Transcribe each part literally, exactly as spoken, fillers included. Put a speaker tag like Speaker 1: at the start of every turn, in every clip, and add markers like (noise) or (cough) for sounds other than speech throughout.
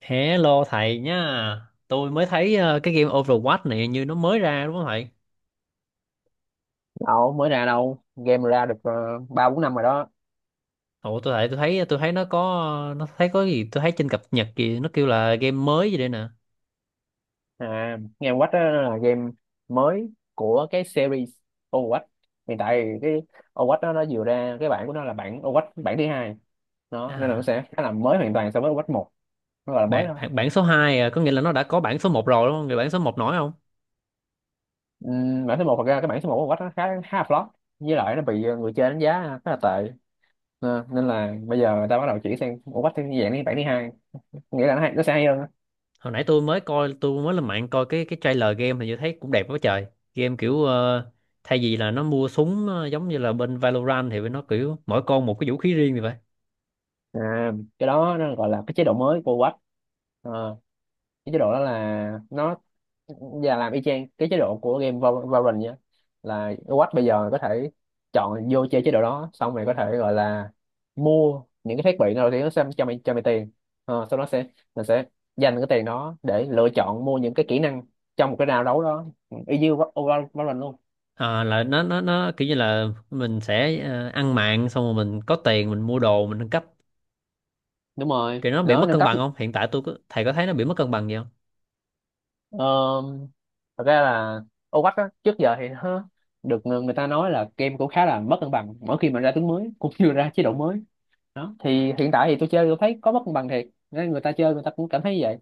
Speaker 1: Hello thầy nhá. Tôi mới thấy ờ, cái game Overwatch này như nó mới ra đúng không thầy?
Speaker 2: Đâu mới ra đâu, game ra được ờ, ba bốn năm rồi đó.
Speaker 1: Ồ tôi thấy tôi thấy tôi thấy nó có nó thấy có gì tôi thấy trên cập nhật kìa, nó kêu là game mới gì đây nè.
Speaker 2: À, game Watch đó là game mới của cái series Overwatch. Hiện tại thì cái Overwatch đó nó vừa ra cái bản của nó là bản Overwatch, bản thứ hai đó, nên là nó
Speaker 1: À
Speaker 2: sẽ khá là mới hoàn toàn so với Overwatch một. Nó gọi là mới
Speaker 1: bản
Speaker 2: thôi.
Speaker 1: bản, bản số hai à, có nghĩa là nó đã có bản số một rồi đúng không? Người bản số một nổi không?
Speaker 2: Ừm, bản số một, thật ra cái bản số một của Overwatch nó khá khá là flop, với lại nó bị ờ, người chơi đánh giá khá là tệ. Ờ, nên là bây giờ người ta bắt đầu chuyển sang Overwatch theo dạng như bản thứ hai, nghĩa là nó, hay, nó sẽ hay hơn á.
Speaker 1: Hồi nãy tôi mới coi, tôi mới lên mạng coi cái cái trailer game thì tôi thấy cũng đẹp quá trời. Game kiểu ờ, thay vì là nó mua súng ờ, giống như là bên Valorant, thì nó kiểu mỗi con một cái vũ khí riêng vậy.
Speaker 2: À, cái đó nó gọi là cái chế độ mới của Overwatch. Ờ, cái chế độ đó là nó và làm y chang cái chế độ của game Val- Valorant nhá, là Watch bây giờ có thể chọn vô chơi chế độ đó xong rồi có thể gọi là mua những cái thiết bị nào thì nó sẽ cho mày cho mày tiền. Ờ, sau đó sẽ Mình sẽ dành cái tiền đó để lựa chọn mua những cái kỹ năng trong một cái round đấu đó. Ừ, y như Val- Val- Valorant luôn.
Speaker 1: Ờ, là nó nó nó kiểu như là mình sẽ ờ, ăn mạng xong rồi mình có tiền, mình mua đồ, mình nâng cấp.
Speaker 2: Đúng rồi,
Speaker 1: Kiểu nó bị
Speaker 2: nó
Speaker 1: mất
Speaker 2: nâng
Speaker 1: cân
Speaker 2: cấp.
Speaker 1: bằng không, hiện tại tôi có, thầy có thấy nó bị mất cân bằng gì không?
Speaker 2: ờ, Thật ra là Overwatch á, trước giờ thì nó được người người ta nói là game cũng khá là mất cân bằng mỗi khi mà ra tướng mới cũng như ra chế độ mới đó. Thì hiện tại thì tôi chơi, tôi thấy có mất cân bằng thiệt, nên người ta chơi người ta cũng cảm thấy vậy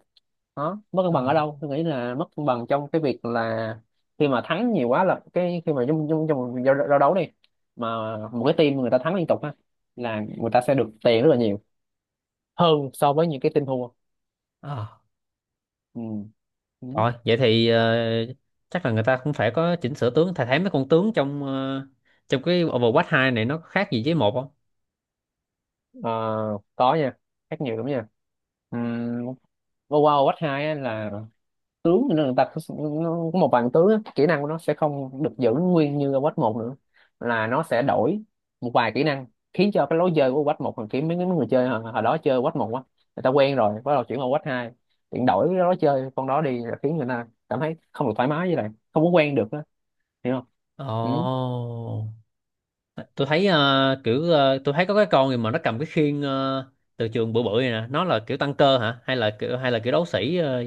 Speaker 2: đó. Mất cân
Speaker 1: Ồ,
Speaker 2: bằng ở đâu? Tôi nghĩ là mất cân bằng trong cái việc là khi mà thắng nhiều quá, là cái khi mà trong trong trong một giao, giao đấu đi, mà một cái team người ta thắng liên tục á là người ta sẽ được tiền rất là nhiều hơn so với những cái team thua.
Speaker 1: à,
Speaker 2: Ừ. Ừ.
Speaker 1: rồi vậy thì ờ, chắc là người ta cũng phải có chỉnh sửa tướng. Thầy thấy mấy con tướng trong ờ, trong cái Overwatch hai này nó có khác gì với một không?
Speaker 2: Ờ, có nha, khác nhiều lắm nha. Ừ. Wow, wow, Watch hai á là tướng cho nên người ta có- nó có một vài tướng á, kỹ năng của nó sẽ không được giữ nguyên như ở quách một nữa, là nó sẽ đổi một vài kỹ năng, khiến cho cái lối chơi của quách một thằng kiếm mấy mấy người chơi hồi, hồi đó chơi quách một quá, người ta quen rồi bắt đầu chuyển qua quách hai, chuyển đổi cái lối chơi con đó đi là khiến người ta cảm thấy không được thoải mái với lại không có quen được á. Hiểu không? Ừ.
Speaker 1: Ồ, tôi thấy ờ, kiểu ờ, tôi thấy có cái con gì mà nó cầm cái khiên ờ, từ trường bự bự này nè, nó là kiểu tăng cơ hả, hay là kiểu, hay là kiểu đấu sĩ ờ,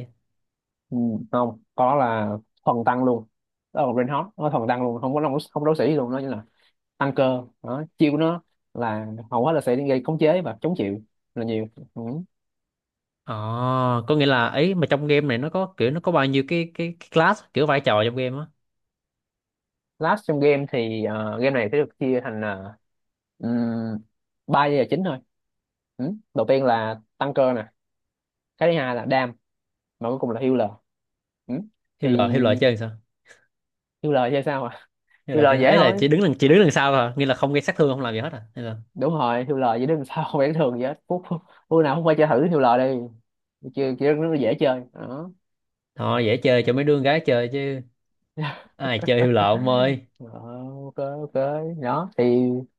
Speaker 2: Ừ, không có, là thuần tăng luôn. Đó là Reinhardt, nó thuần tăng luôn, không có không có đấu sĩ gì luôn đó. Như là tăng cơ đó, chiêu của nó là hầu hết là sẽ gây khống chế và chống chịu là nhiều. Ừ.
Speaker 1: Ờ, có nghĩa là ấy mà trong game này nó có kiểu, nó có bao nhiêu cái cái, cái class, kiểu vai trò trong game á.
Speaker 2: Last trong game thì ờ, game này sẽ được chia thành uh, ba giai đoạn chính thôi. Ừ. Đầu tiên là tăng cơ nè, cái thứ hai là đam, và cuối cùng là healer. Ừ. Thì
Speaker 1: Hiêu lợi, hiêu lợi chơi làm sao?
Speaker 2: healer chơi sao à? (laughs)
Speaker 1: Hiêu lợi chơi
Speaker 2: Healer dễ
Speaker 1: ấy là
Speaker 2: thôi.
Speaker 1: chỉ đứng đằng, chỉ đứng đằng sau thôi à? Nghĩa là không gây sát thương, không làm gì hết à? Hay là
Speaker 2: Đúng rồi, healer (laughs) dễ. Đừng sao, không phải thường vậy hết. Phút phút phút nào không phải chơi thử healer đi, chưa kia nó dễ chơi đó.
Speaker 1: thôi, dễ chơi cho mấy đứa con gái chơi chứ,
Speaker 2: (laughs)
Speaker 1: ai chơi hiêu lợi ông ơi.
Speaker 2: Ờ, ok, ok, đó thì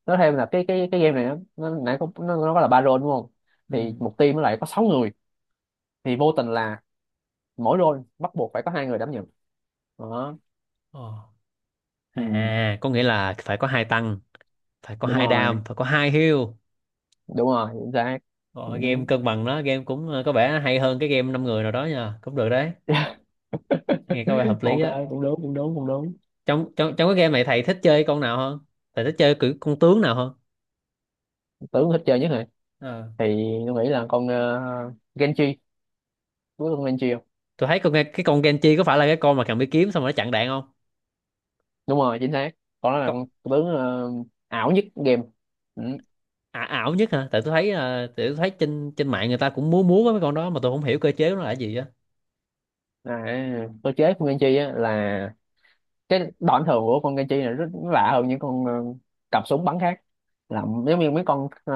Speaker 2: nói thêm là cái cái cái game này nó nó nãy có nó, nó có là ba role đúng không?
Speaker 1: Ừ.
Speaker 2: Thì một team nó lại có sáu người, thì vô tình là mỗi role bắt buộc phải có hai người đảm nhận đó.
Speaker 1: Ờ.
Speaker 2: Ừ,
Speaker 1: À, có nghĩa là phải có hai tăng, phải có
Speaker 2: đúng
Speaker 1: hai
Speaker 2: rồi,
Speaker 1: đam, phải có hai heal.
Speaker 2: đúng rồi, chính xác. Ừ.
Speaker 1: Ờ, game cân bằng đó, game cũng ờ, có vẻ hay hơn cái game năm người nào đó nha, cũng được đấy. Nghe có vẻ
Speaker 2: (laughs)
Speaker 1: hợp lý
Speaker 2: Ok.
Speaker 1: á.
Speaker 2: Cũng đúng, cũng đúng, cũng đúng.
Speaker 1: Trong trong trong cái game này thầy thích chơi con nào hơn? Thầy thích chơi kiểu con tướng nào hơn?
Speaker 2: Tưởng thích chơi nhất rồi
Speaker 1: Ờ.
Speaker 2: thì tôi nghĩ là con uh, Genji, đúng con Genji không?
Speaker 1: Tôi thấy con, nghe cái con Genji có phải là cái con mà cầm cái kiếm xong rồi nó chặn đạn không?
Speaker 2: Đúng rồi, chính xác. Con đó là
Speaker 1: Có.
Speaker 2: con tướng ờ, ảo nhất game. Ừ.
Speaker 1: Ả- ảo nhất hả? Tại tôi thấy à, tại tôi thấy trên, trên mạng người ta cũng múa múa với mấy con đó mà tôi không hiểu cơ chế của nó là gì á.
Speaker 2: À, cơ chế của Genji á là cái đòn thường của con Kenchi này rất lạ hơn những con ờ, cặp súng bắn khác, là giống như mấy con ờ,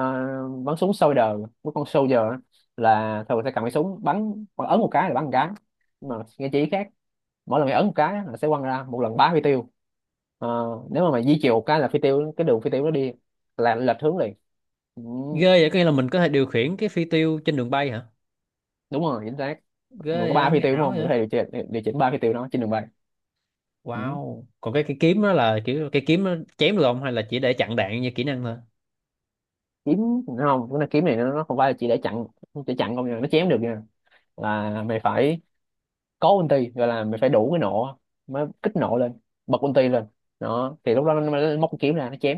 Speaker 2: bắn súng soldier, mấy con soldier á, là thường sẽ cầm cái súng bắn hoặc ấn một cái là bắn một cái. Nhưng mà Kenchi khác, mỗi lần mày ấn một cái á là sẽ quăng ra một lần bá phi tiêu. Ờ, Nếu mà mày di chiều một cái là phi tiêu, cái đường phi tiêu nó đi là lệch hướng liền. Ừ,
Speaker 1: Ghê vậy, có nghĩa là mình có thể điều khiển cái phi tiêu trên đường bay hả?
Speaker 2: đúng rồi, chính xác.
Speaker 1: Ghê
Speaker 2: Mình có
Speaker 1: vậy á,
Speaker 2: ba phi
Speaker 1: nghe
Speaker 2: tiêu đúng
Speaker 1: ảo
Speaker 2: không, mình
Speaker 1: vậy.
Speaker 2: có thể điều chỉnh điều chỉnh ba phi tiêu đó trên đường bay. Ừ.
Speaker 1: Wow, còn cái cái kiếm đó là kiểu cái kiếm nó chém được không, hay là chỉ để chặn đạn như kỹ năng thôi?
Speaker 2: Kiếm đúng không? Cái này kiếm này nó nó không phải là chỉ để chặn, để chặn không nha, nó chém được nha. Là mày phải có ulti, gọi là mày phải đủ cái nộ mới kích nộ lên, bật ulti lên. Đó thì lúc đó nó mới móc cái kiếm ra nó chém.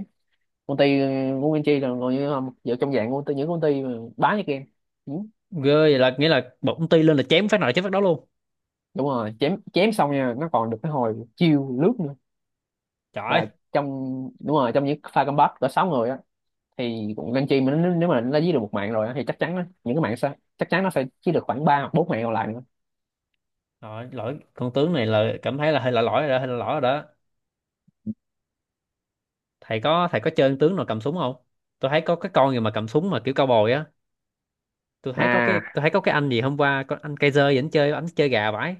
Speaker 2: Ulti của Nguyên là còn như không, giờ trong dạng ulti, những ulti mà bá như game. Ừ,
Speaker 1: Ghê vậy, là nghĩa là bỗng ti lên là chém phát nào chém phát đó luôn.
Speaker 2: đúng rồi, chém chém xong nha, nó còn được cái hồi chiêu lướt nữa.
Speaker 1: Trời ơi.
Speaker 2: Là trong Đúng rồi, trong những pha combat có sáu người á, thì cũng Nguyên mà nó, nếu mà nó dí được một mạng rồi á, thì chắc chắn á, những cái mạng sẽ chắc chắn nó sẽ chỉ được khoảng ba hoặc bốn mạng còn lại nữa.
Speaker 1: Lỗi lỗi con tướng này, là cảm thấy là hơi lỗi lỗi rồi đó, hơi lỗi lỗi rồi đó. Thầy có, thầy có chơi ăn tướng nào cầm súng không? Tôi thấy có cái con gì mà cầm súng mà kiểu cao bồi á. Tôi thấy có cái,
Speaker 2: À,
Speaker 1: tôi thấy có cái anh gì hôm qua, con anh Kaiser vẫn chơi, anh chơi gà vãi.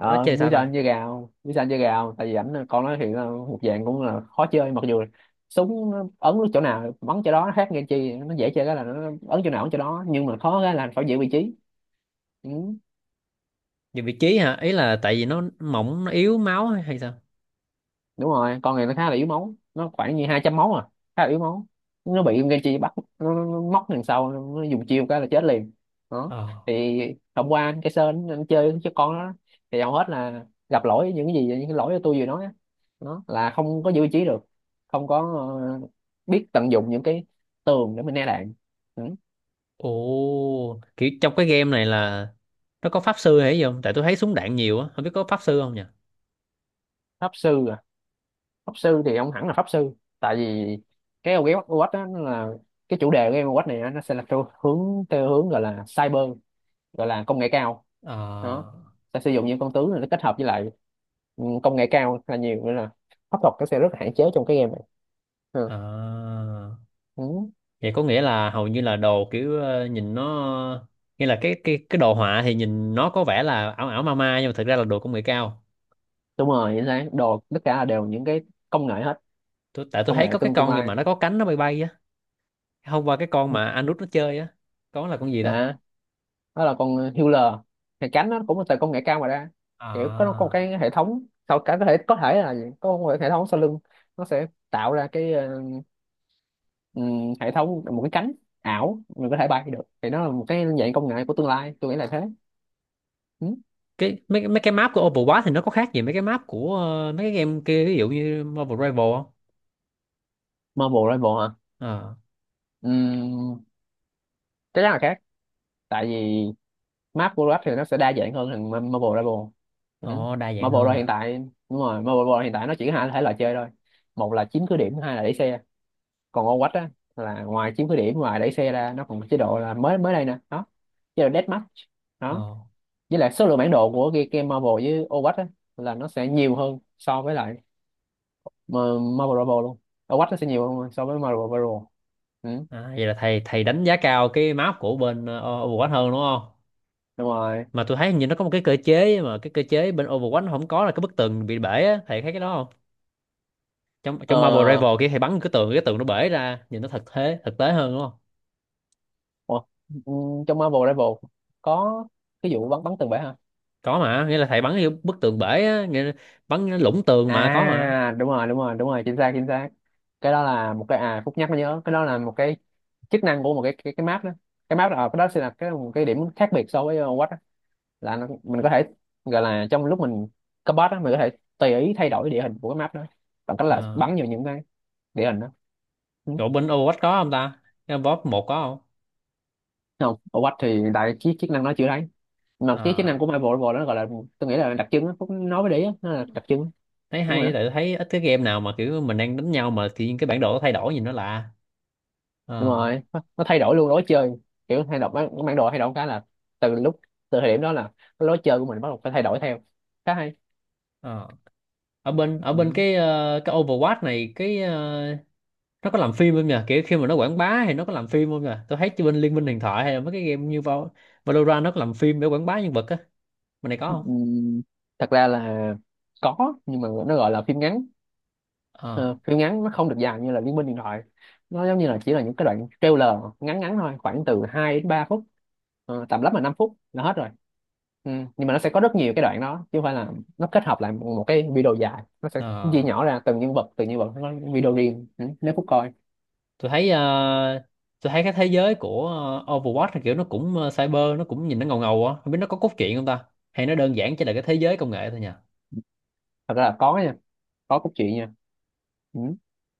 Speaker 1: Con nó chơi
Speaker 2: biết
Speaker 1: sao
Speaker 2: sao anh
Speaker 1: ta?
Speaker 2: chơi gà không, biết sao anh chơi gà không, tại vì ảnh là- con nói hiện là một dạng cũng là khó chơi, mặc dù là súng nó ấn chỗ nào bắn chỗ đó. Nó khác nghe chi, nó dễ chơi cái là nó ấn chỗ nào ấn chỗ đó, nhưng mà khó cái là phải giữ vị trí. Ừ.
Speaker 1: Dùng vị trí hả? Ý là tại vì nó mỏng, nó yếu máu hay, hay sao?
Speaker 2: Đúng rồi, con này nó khá là yếu máu, nó khoảng như hai trăm máu à, khá là yếu máu. Nó bị Genji bắt, nó, nó, nó móc đằng sau, nó dùng chiêu cái là chết liền đó.
Speaker 1: Ờ.
Speaker 2: Thì hôm qua anh cái Sơn anh chơi với con đó thì hầu hết là gặp lỗi, những cái gì những cái lỗi mà tôi vừa nói á. Đó là không có giữ vị trí được, không có ờ, biết tận dụng những cái tường để mình né đạn. Ừ.
Speaker 1: Ồ, kiểu trong cái game này là nó có pháp sư hay gì không? Tại tôi thấy súng đạn nhiều á, không biết có pháp sư không nhỉ?
Speaker 2: Pháp sư à? Pháp sư thì không hẳn là pháp sư, tại vì cái game Overwatch đó, nó là cái chủ đề của game Overwatch này á, nó sẽ là theo hướng, theo hướng gọi là cyber, gọi là công nghệ cao.
Speaker 1: Ờ.
Speaker 2: Đó sẽ sử dụng những con tướng này, nó kết hợp với lại ừ, công nghệ cao là nhiều. Nữa là pháp thuật nó sẽ rất là hạn chế trong cái game này. Ừ.
Speaker 1: À.
Speaker 2: Ừ.
Speaker 1: Vậy có nghĩa là hầu như là đồ kiểu ờ, nhìn nó, nghĩa là cái cái cái đồ họa thì nhìn nó có vẻ là ảo ảo ma ma nhưng mà thực ra là đồ công nghệ cao.
Speaker 2: Đúng rồi, chính xác, đồ tất cả là đều những cái công nghệ hết.
Speaker 1: Tôi tại tôi
Speaker 2: Công
Speaker 1: thấy
Speaker 2: nghệ
Speaker 1: có cái
Speaker 2: tương tương
Speaker 1: con gì
Speaker 2: lai.
Speaker 1: mà nó có cánh, nó bay bay á. Hôm qua cái con mà anh út nó chơi á, con là con gì ta?
Speaker 2: Đó, đó là con Hewler, thì cánh nó cũng là từ công nghệ cao mà ra. Kiểu có nó có một
Speaker 1: À.
Speaker 2: cái hệ thống sau cả, có thể có thể là gì? Có một hệ thống sau lưng, nó sẽ tạo ra cái ờ, ừm, hệ thống một cái cánh ảo mình có thể bay được. Thì nó là một cái dạng công nghệ của tương lai, tôi nghĩ là thế. Ừ.
Speaker 1: Cái mấy mấy cái map của Overwatch thì nó có khác gì mấy cái map của ờ, mấy cái game kia, ví dụ như Marvel Rival không?
Speaker 2: Marvel Rival hả?
Speaker 1: Ờ.
Speaker 2: Ừm, Chắc chắn là khác, tại vì map của Rap thì nó sẽ đa dạng hơn thằng Marvel Rival. Ừ.
Speaker 1: Ồ, đa dạng
Speaker 2: Marvel
Speaker 1: hơn
Speaker 2: Rival hiện
Speaker 1: à.
Speaker 2: tại Đúng rồi, Marvel Rival hiện tại nó chỉ có hai thể loại chơi thôi, một là chiếm cứ điểm, hai là đẩy xe. Còn ô quách á là ngoài chiếm khuyết điểm, ngoài đẩy xe ra nó còn có chế độ là mới mới đây nè đó, chế độ deathmatch
Speaker 1: Ồ.
Speaker 2: đó. Với lại số lượng bản đồ của cái game Marvel với ô quách á là nó sẽ nhiều hơn so với lại mà- Marvel Marvel luôn. Ô quách nó sẽ nhiều hơn so với Marvel Marvel. Ừ.
Speaker 1: À, vậy là thầy thầy đánh giá cao cái map của bên ờ, Overwatch hơn đúng không?
Speaker 2: Đúng rồi.
Speaker 1: Mà tôi thấy hình như nó có một cái cơ chế mà cái cơ chế bên Overwatch nó không có, là cái bức tường bị bể á, thầy thấy cái đó không? Trong, trong Marvel
Speaker 2: ờ
Speaker 1: Rival kia thầy bắn cái tường, cái tường nó bể ra nhìn nó thật, thế thực tế hơn đúng không?
Speaker 2: Ủa, ừ, trong Marvel Marvel có cái vụ bắn bắn tường bể hả?
Speaker 1: Có mà, nghĩa là thầy bắn cái bức tường bể á, nghĩa là bắn cái lũng tường mà có mà.
Speaker 2: À, đúng rồi, đúng rồi, đúng rồi, chính xác, chính xác. Cái đó là một cái, à, Phúc nhắc mới nhớ, cái đó là một cái chức năng của một cái cái, cái map đó, cái map đó ờ, cái đó sẽ là cái một cái điểm khác biệt so với uh, Watch đó. Là nó, mình có thể gọi là trong lúc mình cấp boss đó, mình có thể tùy ý thay đổi địa hình của cái map đó bằng cách là
Speaker 1: Ờ.
Speaker 2: bắn vào những cái địa hình đó. Ừ.
Speaker 1: Chỗ bên Overwatch có không ta? Cái boss một có không?
Speaker 2: Không, ở Watch thì đại chiếc chức năng nó chưa thấy, mà cái chức
Speaker 1: Ờ.
Speaker 2: năng của Marvel Marvel đó gọi là, tôi nghĩ là đặc trưng đó, Phúc nói với đấy nó là đặc trưng.
Speaker 1: Thấy
Speaker 2: Đúng rồi đó.
Speaker 1: hay, tại tôi thấy ít cái game nào mà kiểu mình đang đánh nhau mà tự nhiên cái bản đồ nó thay đổi, nhìn nó lạ.
Speaker 2: Đúng
Speaker 1: Ờ,
Speaker 2: rồi, nó, nó thay đổi luôn lối chơi. Kiểu thay đổi bản, bản đồ, thay đổi cái là từ lúc từ thời điểm đó là cái lối chơi của mình bắt đầu phải thay đổi theo, khá hay.
Speaker 1: ờ. ở bên ở bên
Speaker 2: Ừ.
Speaker 1: cái ờ, cái Overwatch này cái ờ, nó có làm phim không nhỉ, kiểu khi mà nó quảng bá thì nó có làm phim không nhỉ? Tôi thấy chứ, bên Liên minh huyền thoại hay là mấy cái game như Val- Valorant nó có làm phim để quảng bá nhân vật á, bên này có
Speaker 2: Ừ.
Speaker 1: không?
Speaker 2: Thật ra là có, nhưng mà nó gọi là phim ngắn.
Speaker 1: Ờ.
Speaker 2: Ờ, Phim ngắn nó không được dài như là Liên Minh Điện Thoại, nó giống như là chỉ là những cái đoạn trailer ngắn ngắn thôi, khoảng từ hai đến ba phút. Ờ, tầm lắm là năm phút là hết rồi. Ừ. Nhưng mà nó sẽ có rất nhiều cái đoạn đó chứ không phải là nó kết hợp lại một, một cái video dài, nó sẽ chia
Speaker 1: Ờ,
Speaker 2: nhỏ ra từng nhân vật từng nhân vật, nó có video riêng. Ừ. Nếu phút coi.
Speaker 1: tôi thấy ờ, tôi thấy cái thế giới của ờ, Overwatch là kiểu nó cũng ờ, cyber, nó cũng nhìn nó ngầu ngầu á, không biết nó có cốt truyện không ta, hay nó đơn giản chỉ là cái thế giới công nghệ thôi nhỉ?
Speaker 2: Thật ra là có nha, có cốt truyện nha. Ừ.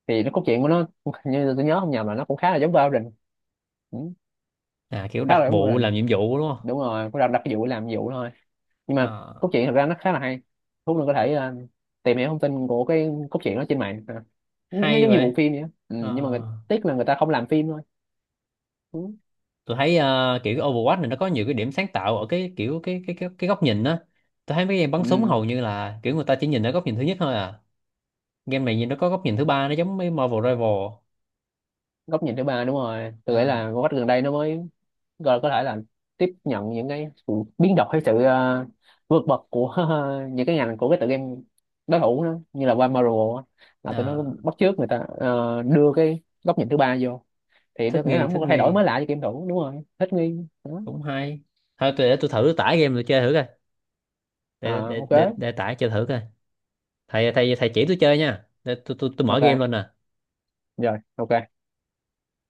Speaker 2: Thì nó cốt truyện của nó (laughs) như tôi nhớ không nhầm là nó cũng khá là giống Valorant. Ừ.
Speaker 1: À, kiểu
Speaker 2: Khá
Speaker 1: đặc
Speaker 2: là giống
Speaker 1: vụ làm
Speaker 2: Valorant.
Speaker 1: nhiệm vụ đúng không?
Speaker 2: Đúng rồi, cũng đặt đặt cái vụ làm vụ thôi. Nhưng mà
Speaker 1: Ờ.
Speaker 2: cốt truyện thật ra nó khá là hay. Thú mình có thể ờ, tìm hiểu thông tin của cái cốt truyện đó trên mạng à. Nó
Speaker 1: Hay
Speaker 2: giống như bộ
Speaker 1: vậy.
Speaker 2: phim vậy á. Ừ.
Speaker 1: Ờ,
Speaker 2: Nhưng mà người, tiếc là người ta không làm phim thôi. Ừ.
Speaker 1: tôi thấy ờ, kiểu cái Overwatch này nó có nhiều cái điểm sáng tạo ở cái kiểu cái cái cái, cái góc nhìn á. Tôi thấy mấy game bắn súng
Speaker 2: Ừ.
Speaker 1: hầu như là kiểu người ta chỉ nhìn ở góc nhìn thứ nhất thôi à, game này nhìn nó có góc nhìn thứ ba, nó giống mấy Marvel Rival.
Speaker 2: Góc nhìn thứ ba đúng rồi, tôi nghĩ
Speaker 1: À,
Speaker 2: là góc gần đây nó mới, rồi có thể là tiếp nhận những cái sự biến động hay sự ờ, vượt bậc của (laughs) những cái ngành của cái tựa game đối thủ đó, như là qua Marvel á, là tụi nó
Speaker 1: à,
Speaker 2: bắt chước người ta ờ, đưa cái góc nhìn thứ ba vô, thì
Speaker 1: thích
Speaker 2: tôi nghĩ là
Speaker 1: nghi,
Speaker 2: nó một
Speaker 1: thích
Speaker 2: cái thay đổi
Speaker 1: nghi.
Speaker 2: mới lạ cho game thủ, đúng rồi, thích nghi. Đó.
Speaker 1: Cũng hay. Thôi tôi để tôi thử tải game tôi chơi thử coi, để
Speaker 2: À,
Speaker 1: để
Speaker 2: ok,
Speaker 1: để, để tải chơi thử coi. Thầy thầy thầy chỉ tôi chơi nha, để tôi tôi tôi mở game
Speaker 2: ok,
Speaker 1: lên nè.
Speaker 2: rồi, ok.